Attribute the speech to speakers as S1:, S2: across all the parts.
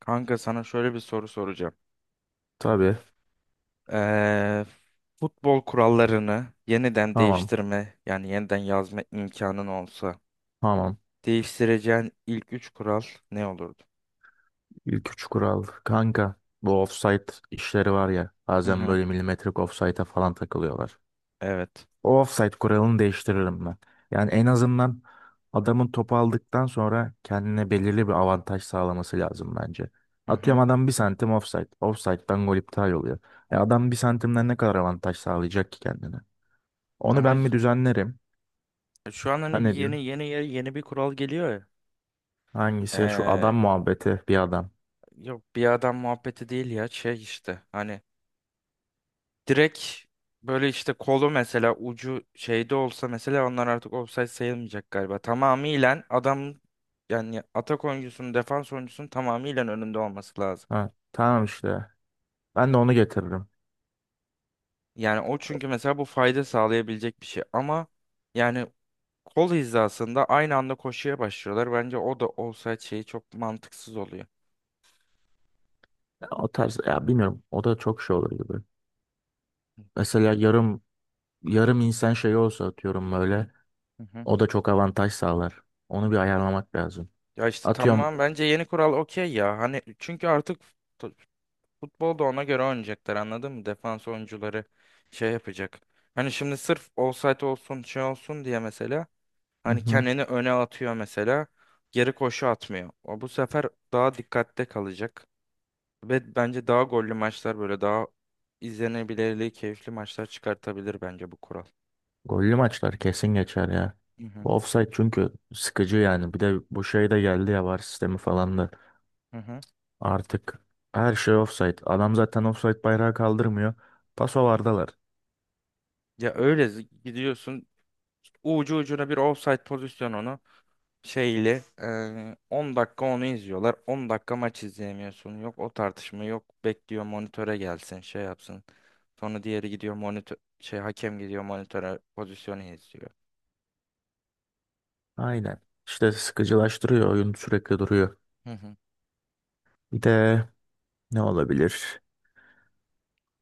S1: Kanka sana şöyle bir soru soracağım.
S2: Tabii.
S1: Ee, Futbol kurallarını yeniden
S2: Tamam.
S1: değiştirme, yani yeniden yazma imkanın olsa,
S2: Tamam.
S1: değiştireceğin ilk üç kural ne olurdu?
S2: İlk üç kural. Kanka bu offside işleri var ya.
S1: Hı
S2: Bazen
S1: hı.
S2: böyle milimetrik offside'a falan takılıyorlar.
S1: Evet.
S2: O offside kuralını değiştiririm ben. Yani en azından adamın topu aldıktan sonra kendine belirli bir avantaj sağlaması lazım bence.
S1: Hı hı.
S2: Atıyorum adam 1 santim offside. Offside'dan gol iptal oluyor. E adam 1 santimden ne kadar avantaj sağlayacak ki kendine? Onu
S1: Ama
S2: ben mi düzenlerim?
S1: şu an
S2: Ha,
S1: hani bir
S2: ne diyorsun?
S1: yeni bir kural geliyor ya.
S2: Hangisi? Şu
S1: Ee,
S2: adam muhabbeti bir adam.
S1: Yok, bir adam muhabbeti değil ya, şey işte hani direkt böyle işte kolu mesela ucu şeyde olsa mesela onlar artık ofsayt sayılmayacak galiba. Tamamıyla adam, yani atak oyuncusunun defans oyuncusunun tamamıyla önünde olması lazım.
S2: Ha, tamam işte. Ben de onu getiririm.
S1: Yani o çünkü mesela bu fayda sağlayabilecek bir şey ama yani kol hizasında aynı anda koşuya başlıyorlar. Bence o da olsaydı şeyi çok mantıksız oluyor.
S2: Ya o tarz ya bilmiyorum, o da çok şey olur gibi. Mesela yarım insan şeyi olsa atıyorum böyle
S1: Hı hı.
S2: o da çok avantaj sağlar. Onu bir ayarlamak lazım.
S1: Ya işte
S2: Atıyorum
S1: tamam, bence yeni kural okey ya. Hani çünkü artık futbolda ona göre oynayacaklar anladın mı? Defans oyuncuları şey yapacak. Hani şimdi sırf offside olsun şey olsun diye mesela
S2: hı
S1: hani
S2: hı,
S1: kendini öne atıyor mesela geri koşu atmıyor. O bu sefer daha dikkatte kalacak ve bence daha gollü maçlar, böyle daha izlenebilirliği keyifli maçlar çıkartabilir bence bu kural.
S2: gollü maçlar kesin geçer ya.
S1: Hı hı,
S2: Bu offside çünkü sıkıcı yani. Bir de bu şey de geldi ya, VAR sistemi falan da
S1: hı hı.
S2: artık her şey offside. Adam zaten offside bayrağı kaldırmıyor. Paso vardalar.
S1: Gidiyorsun ucu ucuna bir offside pozisyonunu şeyli 10 dakika onu izliyorlar. 10 dakika maç izleyemiyorsun. Yok o tartışma yok. Bekliyor monitöre gelsin şey yapsın. Sonra diğeri gidiyor monitör şey hakem gidiyor monitöre pozisyonu izliyor.
S2: Aynen. İşte sıkıcılaştırıyor, oyun sürekli duruyor.
S1: Hı hı.
S2: Bir de ne olabilir?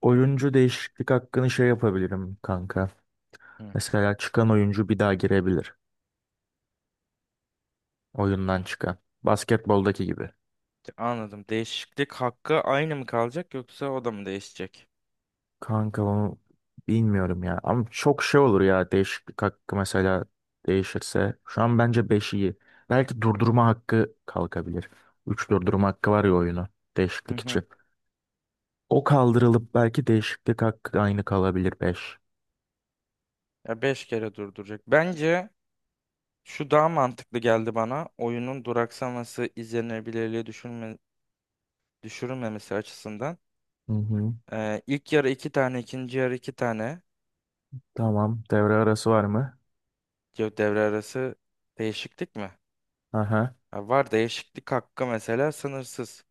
S2: Oyuncu değişiklik hakkını şey yapabilirim kanka.
S1: Hı.
S2: Mesela çıkan oyuncu bir daha girebilir. Oyundan çıkan. Basketboldaki gibi.
S1: Anladım. Değişiklik hakkı aynı mı kalacak yoksa o da mı değişecek?
S2: Kanka onu bilmiyorum ya. Ama çok şey olur ya değişiklik hakkı mesela değişirse. Şu an bence 5 iyi. Belki durdurma hakkı kalkabilir. 3 durdurma hakkı var ya oyunu.
S1: Hı
S2: Değişiklik
S1: hı.
S2: için. O kaldırılıp belki değişiklik hakkı aynı kalabilir 5.
S1: Ya 5 kere durduracak. Bence şu daha mantıklı geldi bana. Oyunun duraksaması, izlenebilirliği düşürme, düşürülmemesi açısından.
S2: Hı hı.
S1: İlk yarı iki tane, ikinci yarı iki tane.
S2: Tamam. Devre arası var mı?
S1: Yo, devre arası değişiklik mi?
S2: Aha.
S1: Ha, var değişiklik hakkı mesela sınırsız.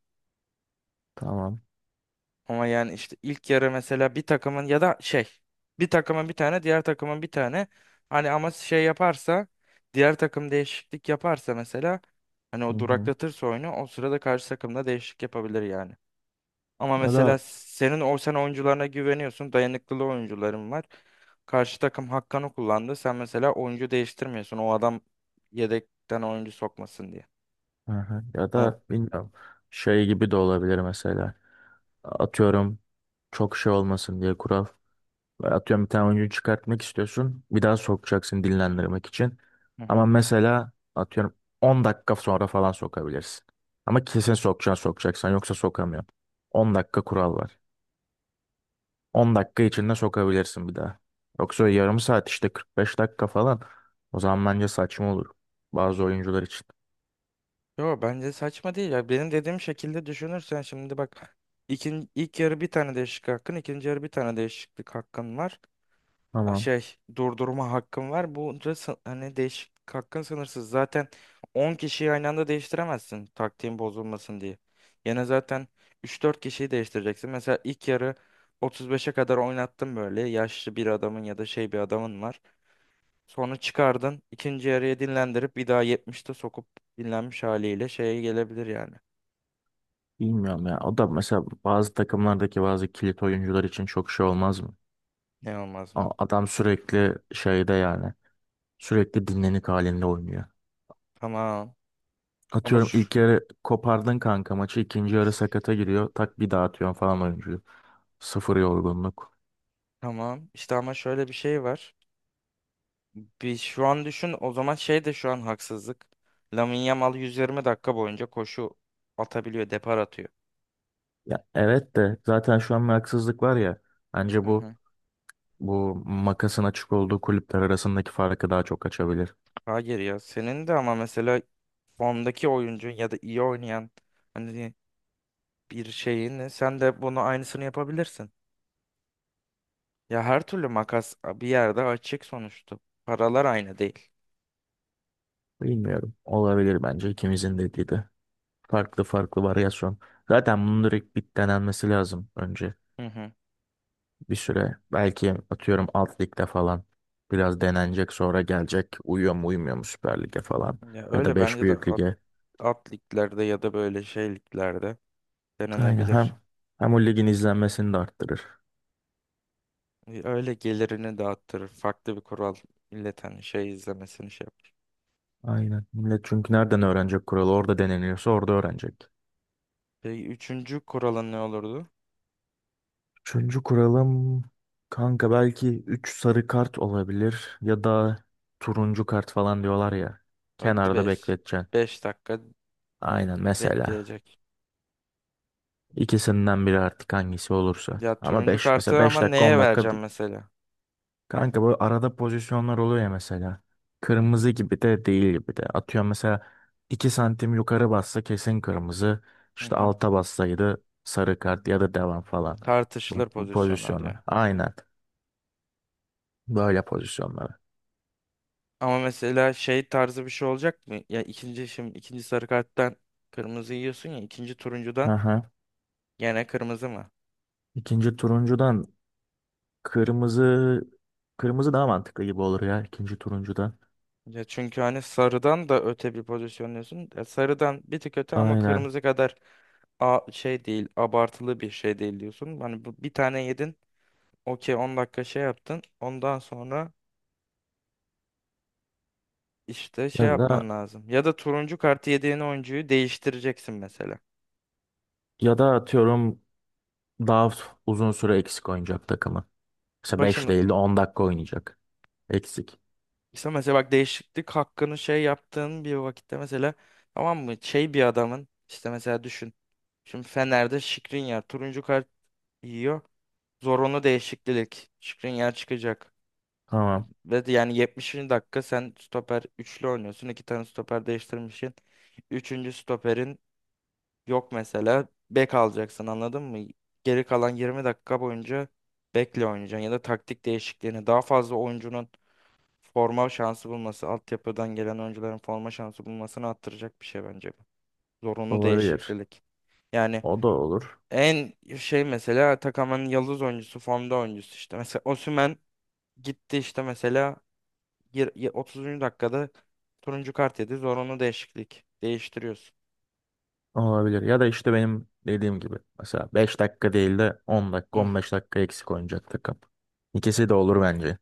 S2: Tamam.
S1: Ama yani işte ilk yarı mesela bir takımın ya da şey bir takımın bir tane, diğer takımın bir tane, hani ama şey yaparsa diğer takım değişiklik yaparsa mesela hani
S2: Hı
S1: o
S2: hı.
S1: duraklatırsa oyunu, o sırada karşı takım da değişiklik yapabilir yani. Ama
S2: Ya
S1: mesela
S2: da
S1: senin o sen oyuncularına güveniyorsun, dayanıklılığı oyuncuların var. Karşı takım hakkını kullandı. Sen mesela oyuncu değiştirmiyorsun. O adam yedekten oyuncu sokmasın diye.
S2: hı hı. Ya
S1: Ana-
S2: da bilmiyorum, şey gibi de olabilir mesela. Atıyorum çok şey olmasın diye kural. Atıyorum bir tane oyuncu çıkartmak istiyorsun. Bir daha sokacaksın dinlendirmek için.
S1: Hı
S2: Ama
S1: hı.
S2: mesela atıyorum 10 dakika sonra falan sokabilirsin. Ama kesin sokacaksın sokacaksan, yoksa sokamıyorsun. 10 dakika kural var. 10 dakika içinde sokabilirsin bir daha. Yoksa yarım saat işte 45 dakika falan. O zaman bence saçma olur bazı oyuncular için.
S1: Yo, bence saçma değil ya. Benim dediğim şekilde düşünürsen şimdi bak. İlk yarı bir tane değişiklik hakkın, ikinci yarı bir tane değişiklik hakkın var. A,
S2: Tamam.
S1: şey durdurma hakkın var. Hani değişiklik hakkın sınırsız. Zaten 10 kişiyi aynı anda değiştiremezsin taktiğin bozulmasın diye. Yine zaten üç dört kişiyi değiştireceksin. Mesela ilk yarı 35'e kadar oynattın böyle. Yaşlı bir adamın ya da şey bir adamın var. Sonra çıkardın. İkinci yarıya dinlendirip bir daha 70'te sokup dinlenmiş haliyle şeye gelebilir yani.
S2: Bilmiyorum ya. O da mesela bazı takımlardaki bazı kilit oyuncular için çok şey olmaz mı?
S1: Ne olmaz
S2: A-
S1: mı?
S2: Adam sürekli şeyde yani. Sürekli dinlenik halinde oynuyor.
S1: Tamam. Ama
S2: Atıyorum
S1: şu,
S2: ilk yarı kopardın kanka maçı. İkinci yarı sakata giriyor. Tak bir daha atıyorsun falan oyuncuyu. Sıfır yorgunluk.
S1: tamam. İşte ama şöyle bir şey var. Bir şu an düşün o zaman, şey de şu an haksızlık. Lamine Yamal 120 dakika boyunca koşu atabiliyor, depar atıyor.
S2: Ya evet de zaten şu an bir haksızlık var ya. Bence
S1: Hı
S2: bu
S1: hı.
S2: bu makasın açık olduğu kulüpler arasındaki farkı daha çok açabilir.
S1: Hayır ya. Senin de ama mesela formdaki oyuncu ya da iyi oynayan hani bir şeyin, sen de bunu aynısını yapabilirsin. Ya her türlü makas bir yerde açık sonuçta. Paralar aynı değil.
S2: Bilmiyorum. Olabilir bence ikimizin dediği de. Farklı farklı varyasyon. Zaten bunun direkt bit denenmesi lazım önce
S1: Hı hı.
S2: bir süre. Belki atıyorum alt ligde falan biraz denenecek, sonra gelecek uyuyor mu uymuyor mu Süper Lig'e falan
S1: Ya
S2: ya da
S1: öyle
S2: 5
S1: bence de
S2: büyük lige.
S1: at liglerde ya da böyle şey liglerde
S2: Aynen
S1: denenebilir.
S2: hem o ligin izlenmesini de arttırır.
S1: Öyle gelirini dağıttırır. Farklı bir kural milletin hani şey izlemesini şey yapar.
S2: Aynen. Millet çünkü nereden öğrenecek kuralı? Orada deneniyorsa orada öğrenecek.
S1: Peki üçüncü kuralın ne olurdu?
S2: Üçüncü kuralım kanka belki 3 sarı kart olabilir ya da turuncu kart falan diyorlar ya.
S1: Hadi
S2: Kenarda
S1: beş.
S2: bekleteceksin.
S1: 5 dakika
S2: Aynen mesela.
S1: bekleyecek.
S2: İkisinden biri artık hangisi olursa.
S1: Ya
S2: Ama
S1: turuncu
S2: 5 mesela,
S1: kartı ama
S2: 5 dakika 10
S1: neye
S2: dakika
S1: vereceğim mesela?
S2: kanka, böyle arada pozisyonlar oluyor ya mesela. Kırmızı gibi de değil gibi de. Atıyorum mesela 2 santim yukarı bassa kesin kırmızı.
S1: Hı
S2: İşte
S1: hı.
S2: alta bassaydı sarı kart ya da devam falan. Bu,
S1: Tartışılır
S2: bu
S1: pozisyonlar
S2: pozisyonlar.
S1: diyor.
S2: Aynen. Böyle pozisyonlar.
S1: Ama mesela şey tarzı bir şey olacak mı? Ya ikinci şimdi ikinci sarı karttan kırmızı yiyorsun ya ikinci
S2: Hı
S1: turuncudan
S2: hı.
S1: gene kırmızı mı?
S2: İkinci turuncudan kırmızı kırmızı daha mantıklı gibi olur ya ikinci turuncudan.
S1: Ya çünkü hani sarıdan da öte bir pozisyonluyorsun. Ya sarıdan bir tık öte ama
S2: Aynen.
S1: kırmızı kadar a şey değil, abartılı bir şey değil diyorsun. Hani bu bir tane yedin. Okey 10 dakika şey yaptın. Ondan sonra işte şey
S2: Ya da
S1: yapman lazım. Ya da turuncu kartı yediğin oyuncuyu değiştireceksin mesela.
S2: ya da atıyorum daha uzun süre eksik oynayacak takımı. Mesela
S1: Bak
S2: 5
S1: şimdi,
S2: değil de 10 dakika oynayacak. Eksik.
S1: İşte mesela bak, değişiklik hakkını şey yaptığın bir vakitte mesela tamam mı, şey bir adamın işte mesela düşün. Şimdi Fener'de Skriniar turuncu kart yiyor. Zorunlu değişiklik. Skriniar çıkacak.
S2: Tamam.
S1: Ve de yani 70. dakika sen stoper üçlü oynuyorsun. İki tane stoper değiştirmişsin. Üçüncü stoperin yok mesela. Bek alacaksın anladın mı? Geri kalan 20 dakika boyunca bekle oynayacaksın ya da taktik değişikliğini, daha fazla oyuncunun forma şansı bulması, altyapıdan gelen oyuncuların forma şansı bulmasını arttıracak bir şey bence bu. Zorunlu
S2: Olabilir.
S1: değişiklik. Yani
S2: O da olur.
S1: en şey mesela Atakan'ın yıldız oyuncusu, formda oyuncusu işte. Mesela Osimhen gitti işte mesela 30. dakikada turuncu kart yedi. Zorunlu değişiklik. Değiştiriyorsun.
S2: Olabilir. Ya da işte benim dediğim gibi. Mesela 5 dakika değil de 10 dakika
S1: Hı,
S2: 15 dakika eksik oynayacak takım. İkisi de olur bence.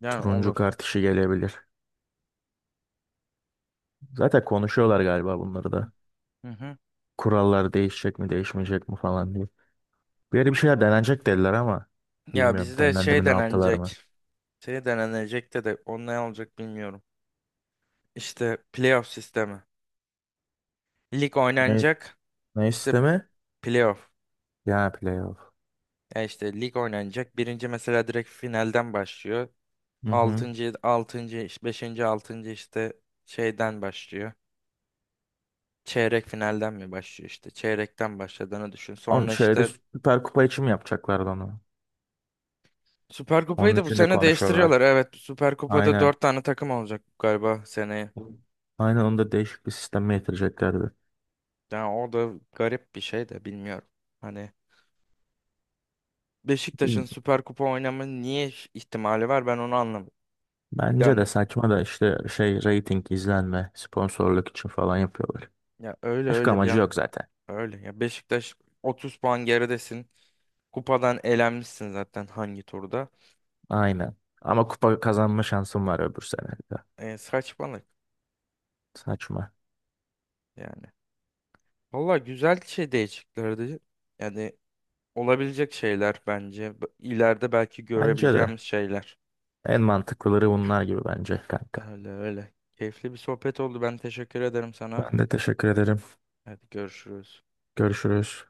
S1: yani
S2: Turuncu
S1: olur.
S2: kart işi gelebilir. Zaten konuşuyorlar galiba bunları da.
S1: Hı hı.
S2: Kurallar değişecek mi değişmeyecek mi falan diye. Bir yere bir şeyler
S1: Olur.
S2: denenecek dediler ama
S1: Ya
S2: bilmiyorum
S1: bizde
S2: denendi
S1: şey
S2: mi ne yaptılar mı.
S1: denenecek. Şey denenecek de o ne olacak bilmiyorum. İşte playoff sistemi. Lig
S2: Ne,
S1: oynanacak.
S2: ne
S1: İşte
S2: isteme?
S1: playoff.
S2: Ya playoff.
S1: Ya işte lig oynanacak. Birinci mesela direkt finalden başlıyor.
S2: Hı hı.
S1: Altıncı, altıncı, beşinci, altıncı işte şeyden başlıyor. Çeyrek finalden mi başlıyor işte. Çeyrekten başladığını düşün.
S2: Ama
S1: Sonra
S2: şeyde
S1: işte
S2: Süper Kupa için mi yapacaklardı onu?
S1: Süper Kupa'yı
S2: Onun
S1: da bu
S2: için de
S1: sene
S2: konuşuyorlar.
S1: değiştiriyorlar. Evet, Süper Kupa'da
S2: Aynen.
S1: dört tane takım olacak galiba seneye.
S2: Aynen onu da değişik bir sisteme getireceklerdi.
S1: Yani o da garip bir şey de bilmiyorum. Hani Beşiktaş'ın
S2: Bilmiyorum.
S1: Süper Kupa oynama niye ihtimali var, ben onu anlamadım.
S2: Bence de
S1: Yani
S2: saçma, da işte şey reyting izlenme sponsorluk için falan yapıyorlar.
S1: ya öyle
S2: Başka
S1: öyle bir
S2: amacı
S1: ya.
S2: yok zaten.
S1: Öyle ya, Beşiktaş 30 puan geridesin. Kupadan elenmişsin zaten hangi turda.
S2: Aynen. Ama kupa kazanma şansım var öbür sene de.
S1: E, saçmalık
S2: Saçma.
S1: yani. Valla güzel şey değişiklerdi. Yani olabilecek şeyler bence. İleride belki
S2: Bence de
S1: görebileceğimiz şeyler.
S2: en mantıklıları bunlar gibi bence kanka.
S1: Öyle öyle. Keyifli bir sohbet oldu. Ben teşekkür ederim sana.
S2: Ben de teşekkür ederim.
S1: Hadi görüşürüz.
S2: Görüşürüz.